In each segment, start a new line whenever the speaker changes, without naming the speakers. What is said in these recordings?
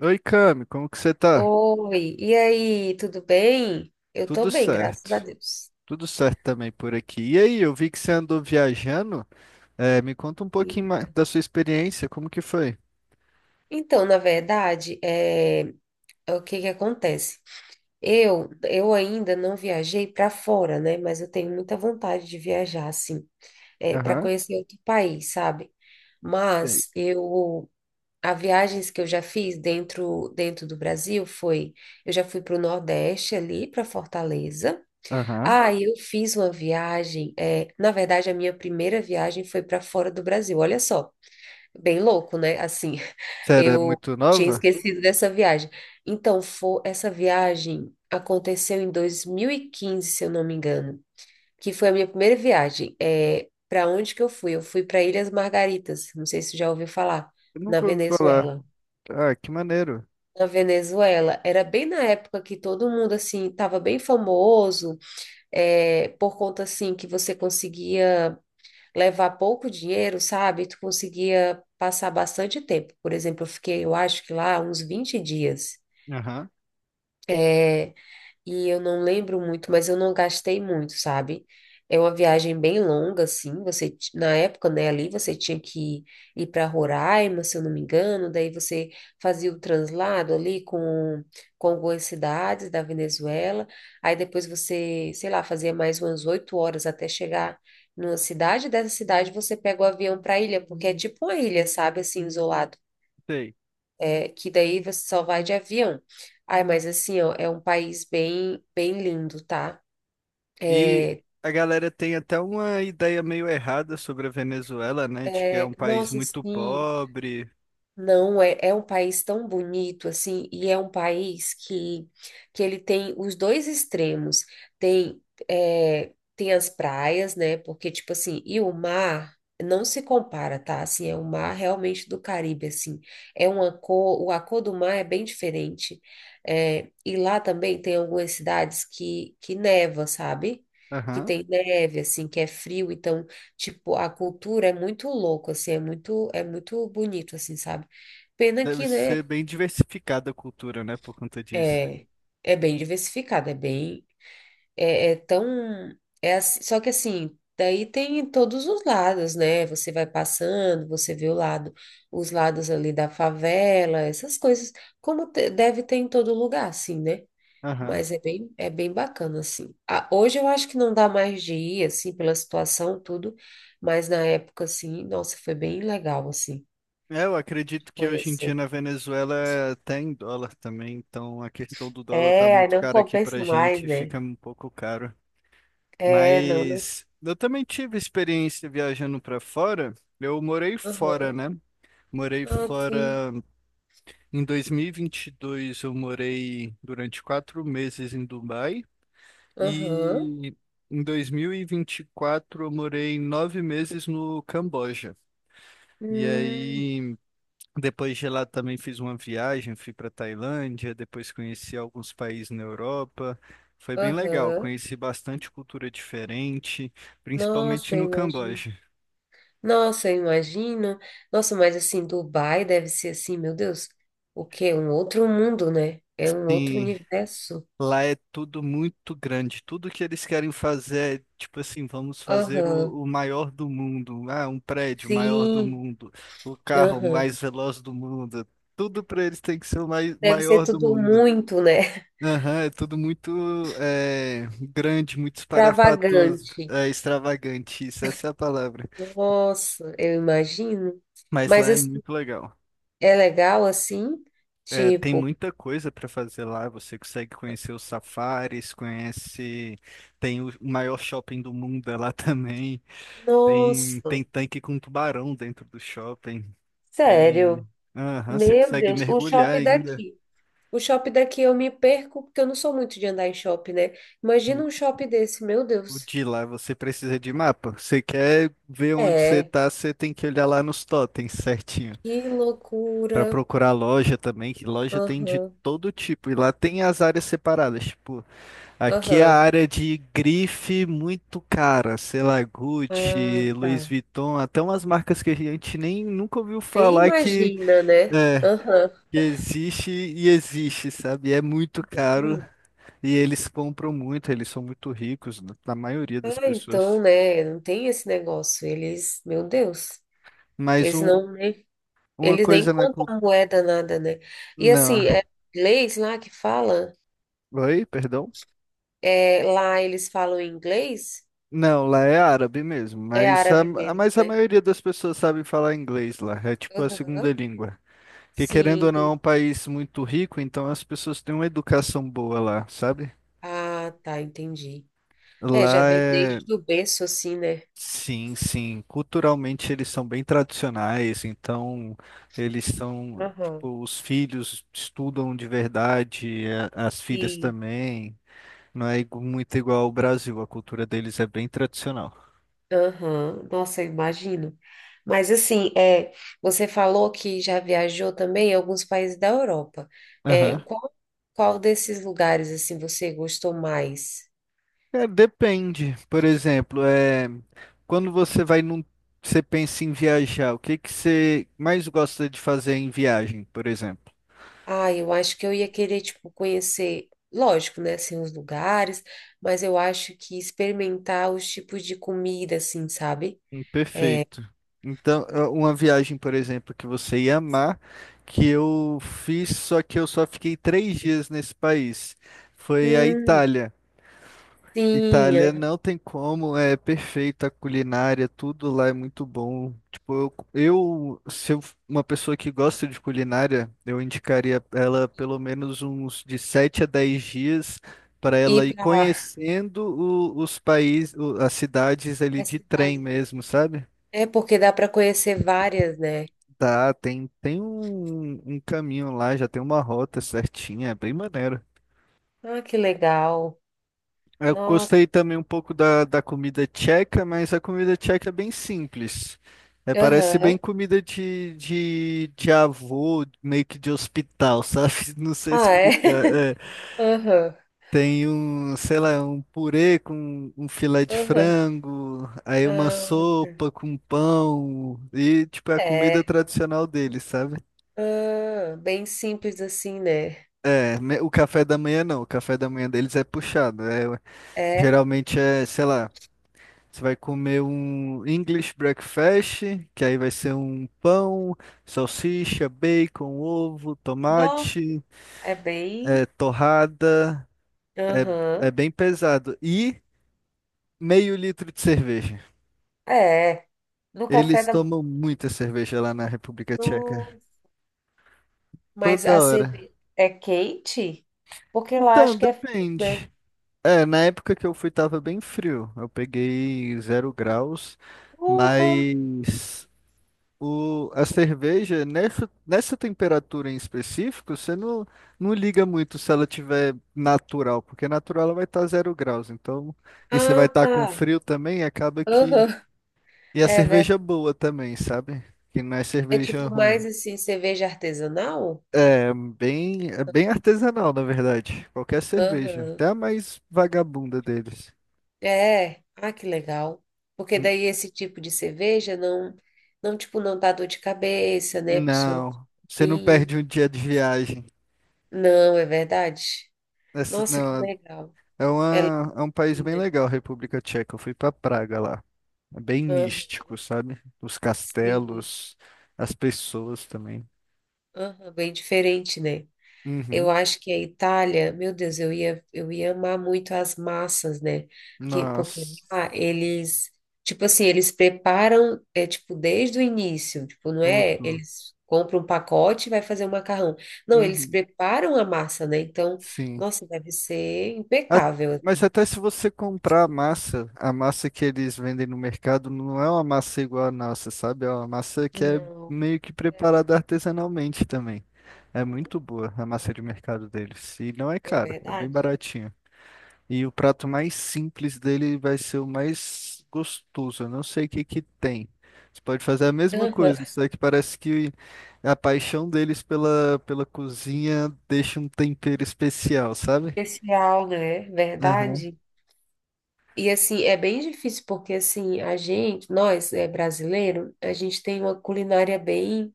Oi, Cami, como que você tá?
Oi, e aí, tudo bem? Eu tô
Tudo
bem, graças a
certo.
Deus.
Tudo certo também por aqui. E aí, eu vi que você andou viajando. É, me conta um
E-
pouquinho mais da sua experiência, como que foi?
Então, na verdade, é o que que acontece? Eu ainda não viajei para fora, né? Mas eu tenho muita vontade de viajar, assim, para
Aham.
conhecer outro país, sabe?
Sei.
Mas eu, as viagens que eu já fiz dentro do Brasil foi, eu já fui para o Nordeste ali, para Fortaleza.
Aham.
Ah, eu fiz uma viagem. Na verdade, a minha primeira viagem foi para fora do Brasil. Olha só, bem louco, né? Assim,
Você era
eu
muito
tinha
nova?
esquecido dessa viagem. Então, foi, essa viagem aconteceu em 2015, se eu não me engano, que foi a minha primeira viagem. É, para onde que eu fui? Eu fui para Ilhas Margaritas. Não sei se você já ouviu falar.
Eu
Na
nunca ouvi falar.
Venezuela.
Ah, que maneiro.
Na Venezuela, era bem na época que todo mundo assim estava bem famoso por conta assim que você conseguia levar pouco dinheiro, sabe? Tu conseguia passar bastante tempo. Por exemplo, eu fiquei, eu acho que lá uns 20 dias.
Aham.
eh, e eu não lembro muito, mas eu não gastei muito, sabe? É uma viagem bem longa, assim. Você, na época, né, ali você tinha que ir para Roraima, se eu não me engano, daí você fazia o translado ali com algumas cidades da Venezuela. Aí depois você, sei lá, fazia mais umas 8 horas até chegar numa cidade. Dessa cidade você pega o avião para a ilha, porque é tipo uma ilha, sabe, assim, isolado.
Sei.
É, que daí você só vai de avião. Ai, mas assim, ó, é um país bem, bem lindo, tá?
E
É,
a galera tem até uma ideia meio errada sobre a Venezuela, né? De que é um país
Nossa,
muito
sim.
pobre.
Não, é, É um país tão bonito assim, e é um país que ele tem os dois extremos. Tem, é, tem as praias, né? Porque, tipo assim, e o mar não se compara, tá? Assim, é o mar realmente do Caribe, assim. É uma cor, o a cor do mar é bem diferente. É, e lá também tem algumas cidades que neva, sabe? Que
Aham.
tem neve, assim, que é frio, então, tipo, a cultura é muito louca, assim, é muito bonito, assim, sabe? Pena
Deve
que, né,
ser bem diversificada a cultura, né? Por conta disso.
é, é bem diversificado, é bem, é, é tão, Só que assim, daí tem todos os lados, né, você vai passando, você vê o lado, os lados ali da favela, essas coisas, deve ter em todo lugar, assim, né,
Aham.
mas é bem bacana, assim. Ah, hoje eu acho que não dá mais de ir, assim, pela situação, tudo, mas na época, assim, nossa, foi bem legal, assim,
É, eu
de
acredito que hoje em dia
conhecer.
na Venezuela é até em dólar também, então a questão do dólar tá
É, aí
muito
não
cara aqui pra
compensa mais,
gente,
né?
fica um pouco caro.
É, não, não.
Mas eu também tive experiência viajando pra fora. Eu morei fora,
Aham.
né? Morei
Ah, sim.
fora em 2022, eu morei durante 4 meses em Dubai
Aham.
e em 2024 eu morei 9 meses no Camboja. E
Hum.
aí, depois de lá também fiz uma viagem, fui para Tailândia, depois conheci alguns países na Europa. Foi bem legal,
Aham.
conheci bastante cultura diferente, principalmente
Nossa, eu
no
imagino.
Camboja.
Nossa, eu imagino. Nossa, mas assim, Dubai deve ser assim, meu Deus. O quê? Um outro mundo, né? É um outro
Sim,
universo.
lá é tudo muito grande. Tudo que eles querem fazer é tipo assim, vamos fazer
Aham.
o maior do mundo. Ah, um prédio maior do
Sim.
mundo, o carro
Aham.
mais veloz do mundo. Tudo para eles tem que ser o
Deve ser
maior do
tudo
mundo.
muito, né?
Aham, é tudo muito grande, muito espalhafatoso,
Extravagante.
extravagante, isso, essa é a palavra.
Nossa, eu imagino.
Mas
Mas
lá é
assim,
muito legal.
é legal assim?
É, tem
Tipo,
muita coisa para fazer lá, você consegue conhecer os safaris, conhece, tem o maior shopping do mundo é lá também, tem
nossa,
tanque com tubarão dentro do shopping,
sério.
tem... Aham, você
Meu
consegue
Deus, o
mergulhar
shopping
ainda.
daqui. O shopping daqui eu me perco porque eu não sou muito de andar em shopping, né? Imagina um shopping desse, meu
O
Deus.
de lá você precisa de mapa. Você quer ver onde você
É,
tá, você tem que olhar lá nos totens certinho.
que loucura.
Pra procurar loja também, que loja tem de
Aham,
todo tipo. E lá tem as áreas separadas. Tipo, aqui é a
aham.
área de grife muito cara, sei lá,
Ah,
Gucci, Louis
tá.
Vuitton, até umas marcas que a gente nem nunca ouviu
Nem
falar
imagina, né?
é,
Aham.
que existe e existe, sabe? E é muito caro.
Hum.
E eles compram muito, eles são muito ricos, na maioria das
Ah, então,
pessoas.
né? Não tem esse negócio. Eles, meu Deus,
Mas
eles não, né?
uma
Eles nem
coisa na.
contam moeda, nada, né? E
Não.
assim, é inglês lá que fala,
Oi, perdão?
é, lá eles falam inglês,
Não, lá é árabe mesmo,
é
mas
árabe mesmo,
a
né?
maioria das pessoas sabe falar inglês lá, é tipo a segunda
Aham.
língua. Que
Sim,
querendo ou não, é um
entendi.
país muito rico, então as pessoas têm uma educação boa lá, sabe?
Ah, tá, entendi. É, já
Lá
vem
é.
desde o berço, assim, né?
Sim, sim. Culturalmente eles são bem tradicionais, então eles são.
Aham.
Tipo, os filhos estudam de verdade, as filhas
Sim.
também. Não é muito igual ao Brasil, a cultura deles é bem tradicional.
Aham. Nossa, eu imagino. Mas assim, é, você falou que já viajou também em alguns países da Europa. É,
Aham.
qual, qual desses lugares, assim, você gostou mais?
É, depende. Por exemplo, é, quando você vai num, você pensa em viajar, o que que você mais gosta de fazer em viagem, por exemplo?
Ah, eu acho que eu ia querer, tipo, conhecer, lógico, né, assim, os lugares, mas eu acho que experimentar os tipos de comida, assim, sabe?
Perfeito. Então, é uma viagem, por exemplo, que você ia amar, que eu fiz, só que eu só fiquei 3 dias nesse país. Foi a
Hum,
Itália.
Sim,
Itália
aham.
não tem como, é perfeita a culinária, tudo lá é muito bom. Tipo, eu se eu, uma pessoa que gosta de culinária, eu indicaria ela pelo menos uns de 7 a 10 dias para ela
Ir
ir
para
conhecendo os países, as cidades ali
as
de trem
cidades, né?
mesmo, sabe?
É porque dá para conhecer várias, né?
Tá, tem um caminho lá, já tem uma rota certinha, é bem maneiro.
Ah, que legal.
Eu
Nossa,
gostei também um pouco da comida tcheca, mas a comida tcheca é bem simples. É, parece
aham.
bem comida de avô, meio que de hospital, sabe? Não sei
Ah, é?
explicar. É,
Aham,
tem um, sei lá, um purê com um filé de
aham.
frango, aí uma
Ah, tá.
sopa com pão, e tipo, é a comida
É.
tradicional deles, sabe?
Ah, bem simples assim, né?
É, o café da manhã não, o café da manhã deles é puxado.
É.
Geralmente é, sei lá. Você vai comer um English breakfast, que aí vai ser um pão, salsicha, bacon, ovo,
Nossa,
tomate,
é bem.
torrada. É, é
Aham.
bem pesado. E meio litro de cerveja.
É. No café
Eles
da
tomam muita cerveja lá na República Tcheca.
manhã. Mas
Toda
a
hora.
cerveja é quente? Porque lá
Então,
acho que é, né?
depende. É, na época que eu fui tava bem frio. Eu peguei 0 graus,
Porra!
mas a cerveja, nessa temperatura em específico, você não liga muito se ela tiver natural, porque natural ela vai estar 0 graus. Então, e você
Ah,
vai estar
tá.
com frio também, acaba que.
Aham.
E a
É, vé-
cerveja boa também, sabe? Que não é
É
cerveja
tipo
ruim.
mais assim, cerveja artesanal?
É bem artesanal, na verdade. Qualquer cerveja, até
Aham.
a mais vagabunda deles.
É. Ah, que legal. Porque
N-
daí esse tipo de cerveja não, não, tipo, não dá dor de cabeça, né? A pessoa não fica
Não, você não
ruim.
perde um dia de viagem.
Não, é verdade.
Essa,
Nossa, que
não,
legal.
é,
Ela é legal,
é um país
assim,
bem
né?
legal, a República Tcheca. Eu fui pra Praga lá. É bem
Aham.
místico, sabe? Os
Sim.
castelos, as pessoas também.
Aham, bem diferente, né? Eu
Uhum.
acho que a Itália, meu Deus, eu ia amar muito as massas, né? Que, porque
Nossa,
lá eles, tipo assim, eles preparam, é tipo, desde o início, tipo, não é,
tudo.
eles compram um pacote e vai fazer o macarrão. Não, eles
Uhum.
preparam a massa, né? Então,
Sim.
nossa, deve ser
A-
impecável.
Mas até se você comprar a massa, que eles vendem no mercado não é uma massa igual a nossa, sabe? É uma massa que é
Não,
meio que
é,
preparada artesanalmente também. É
uhum,
muito boa a massa de mercado deles. E não é
é
caro, é bem
verdade.
baratinho. E o prato mais simples dele vai ser o mais gostoso. Eu não sei o que que tem. Você pode fazer a mesma
Aham.
coisa, só que parece que a paixão deles pela cozinha deixa um tempero especial, sabe?
Especial, né?
Aham.
Verdade. E assim, é bem difícil porque assim, a gente, nós é brasileiro, a gente tem uma culinária bem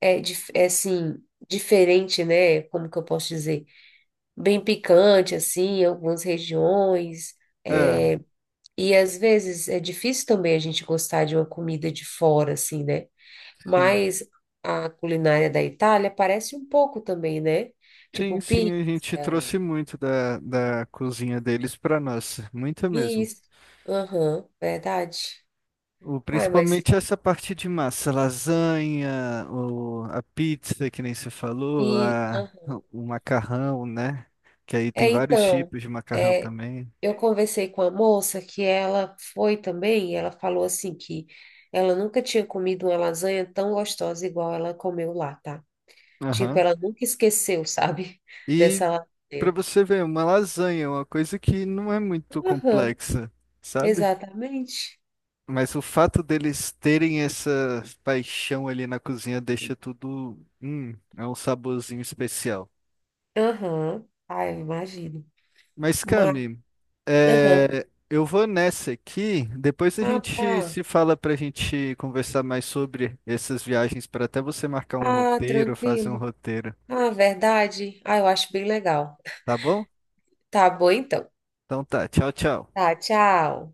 é, assim, diferente, né? Como que eu posso dizer? Bem picante assim, em algumas regiões.
É,
E às vezes é difícil também a gente gostar de uma comida de fora assim, né?
sim.
Mas a culinária da Itália parece um pouco também, né? Tipo
Sim, sim,
pizza,
a gente trouxe muito da cozinha deles para nós, muita mesmo.
isso. Aham, verdade. Ai, mas
Principalmente essa parte de massa, lasanha, a pizza, que nem você falou,
e
o macarrão, né? Que aí tem
É,
vários
então,
tipos de macarrão
é,
também.
eu conversei com a moça que ela foi também, e ela falou assim que ela nunca tinha comido uma lasanha tão gostosa igual ela comeu lá, tá? Tipo,
Aham.
ela nunca esqueceu, sabe?
E
Dessa
para
lasanha.
você ver, uma lasanha é uma coisa que não é muito
Aham,
complexa, sabe?
exatamente.
Mas o fato deles terem essa paixão ali na cozinha deixa tudo, é um saborzinho especial.
Aham. Ah, eu imagino.
Mas,
Mas,
Cami,
aham.
eu vou nessa aqui. Depois a
Ah,
gente
tá.
se fala para a gente conversar mais sobre essas viagens, para até você marcar um
Ah,
roteiro, fazer um
tranquilo.
roteiro,
Ah, verdade. Ah, eu acho bem legal.
tá bom?
Tá bom, então.
Então tá, tchau, tchau.
Tá, tchau.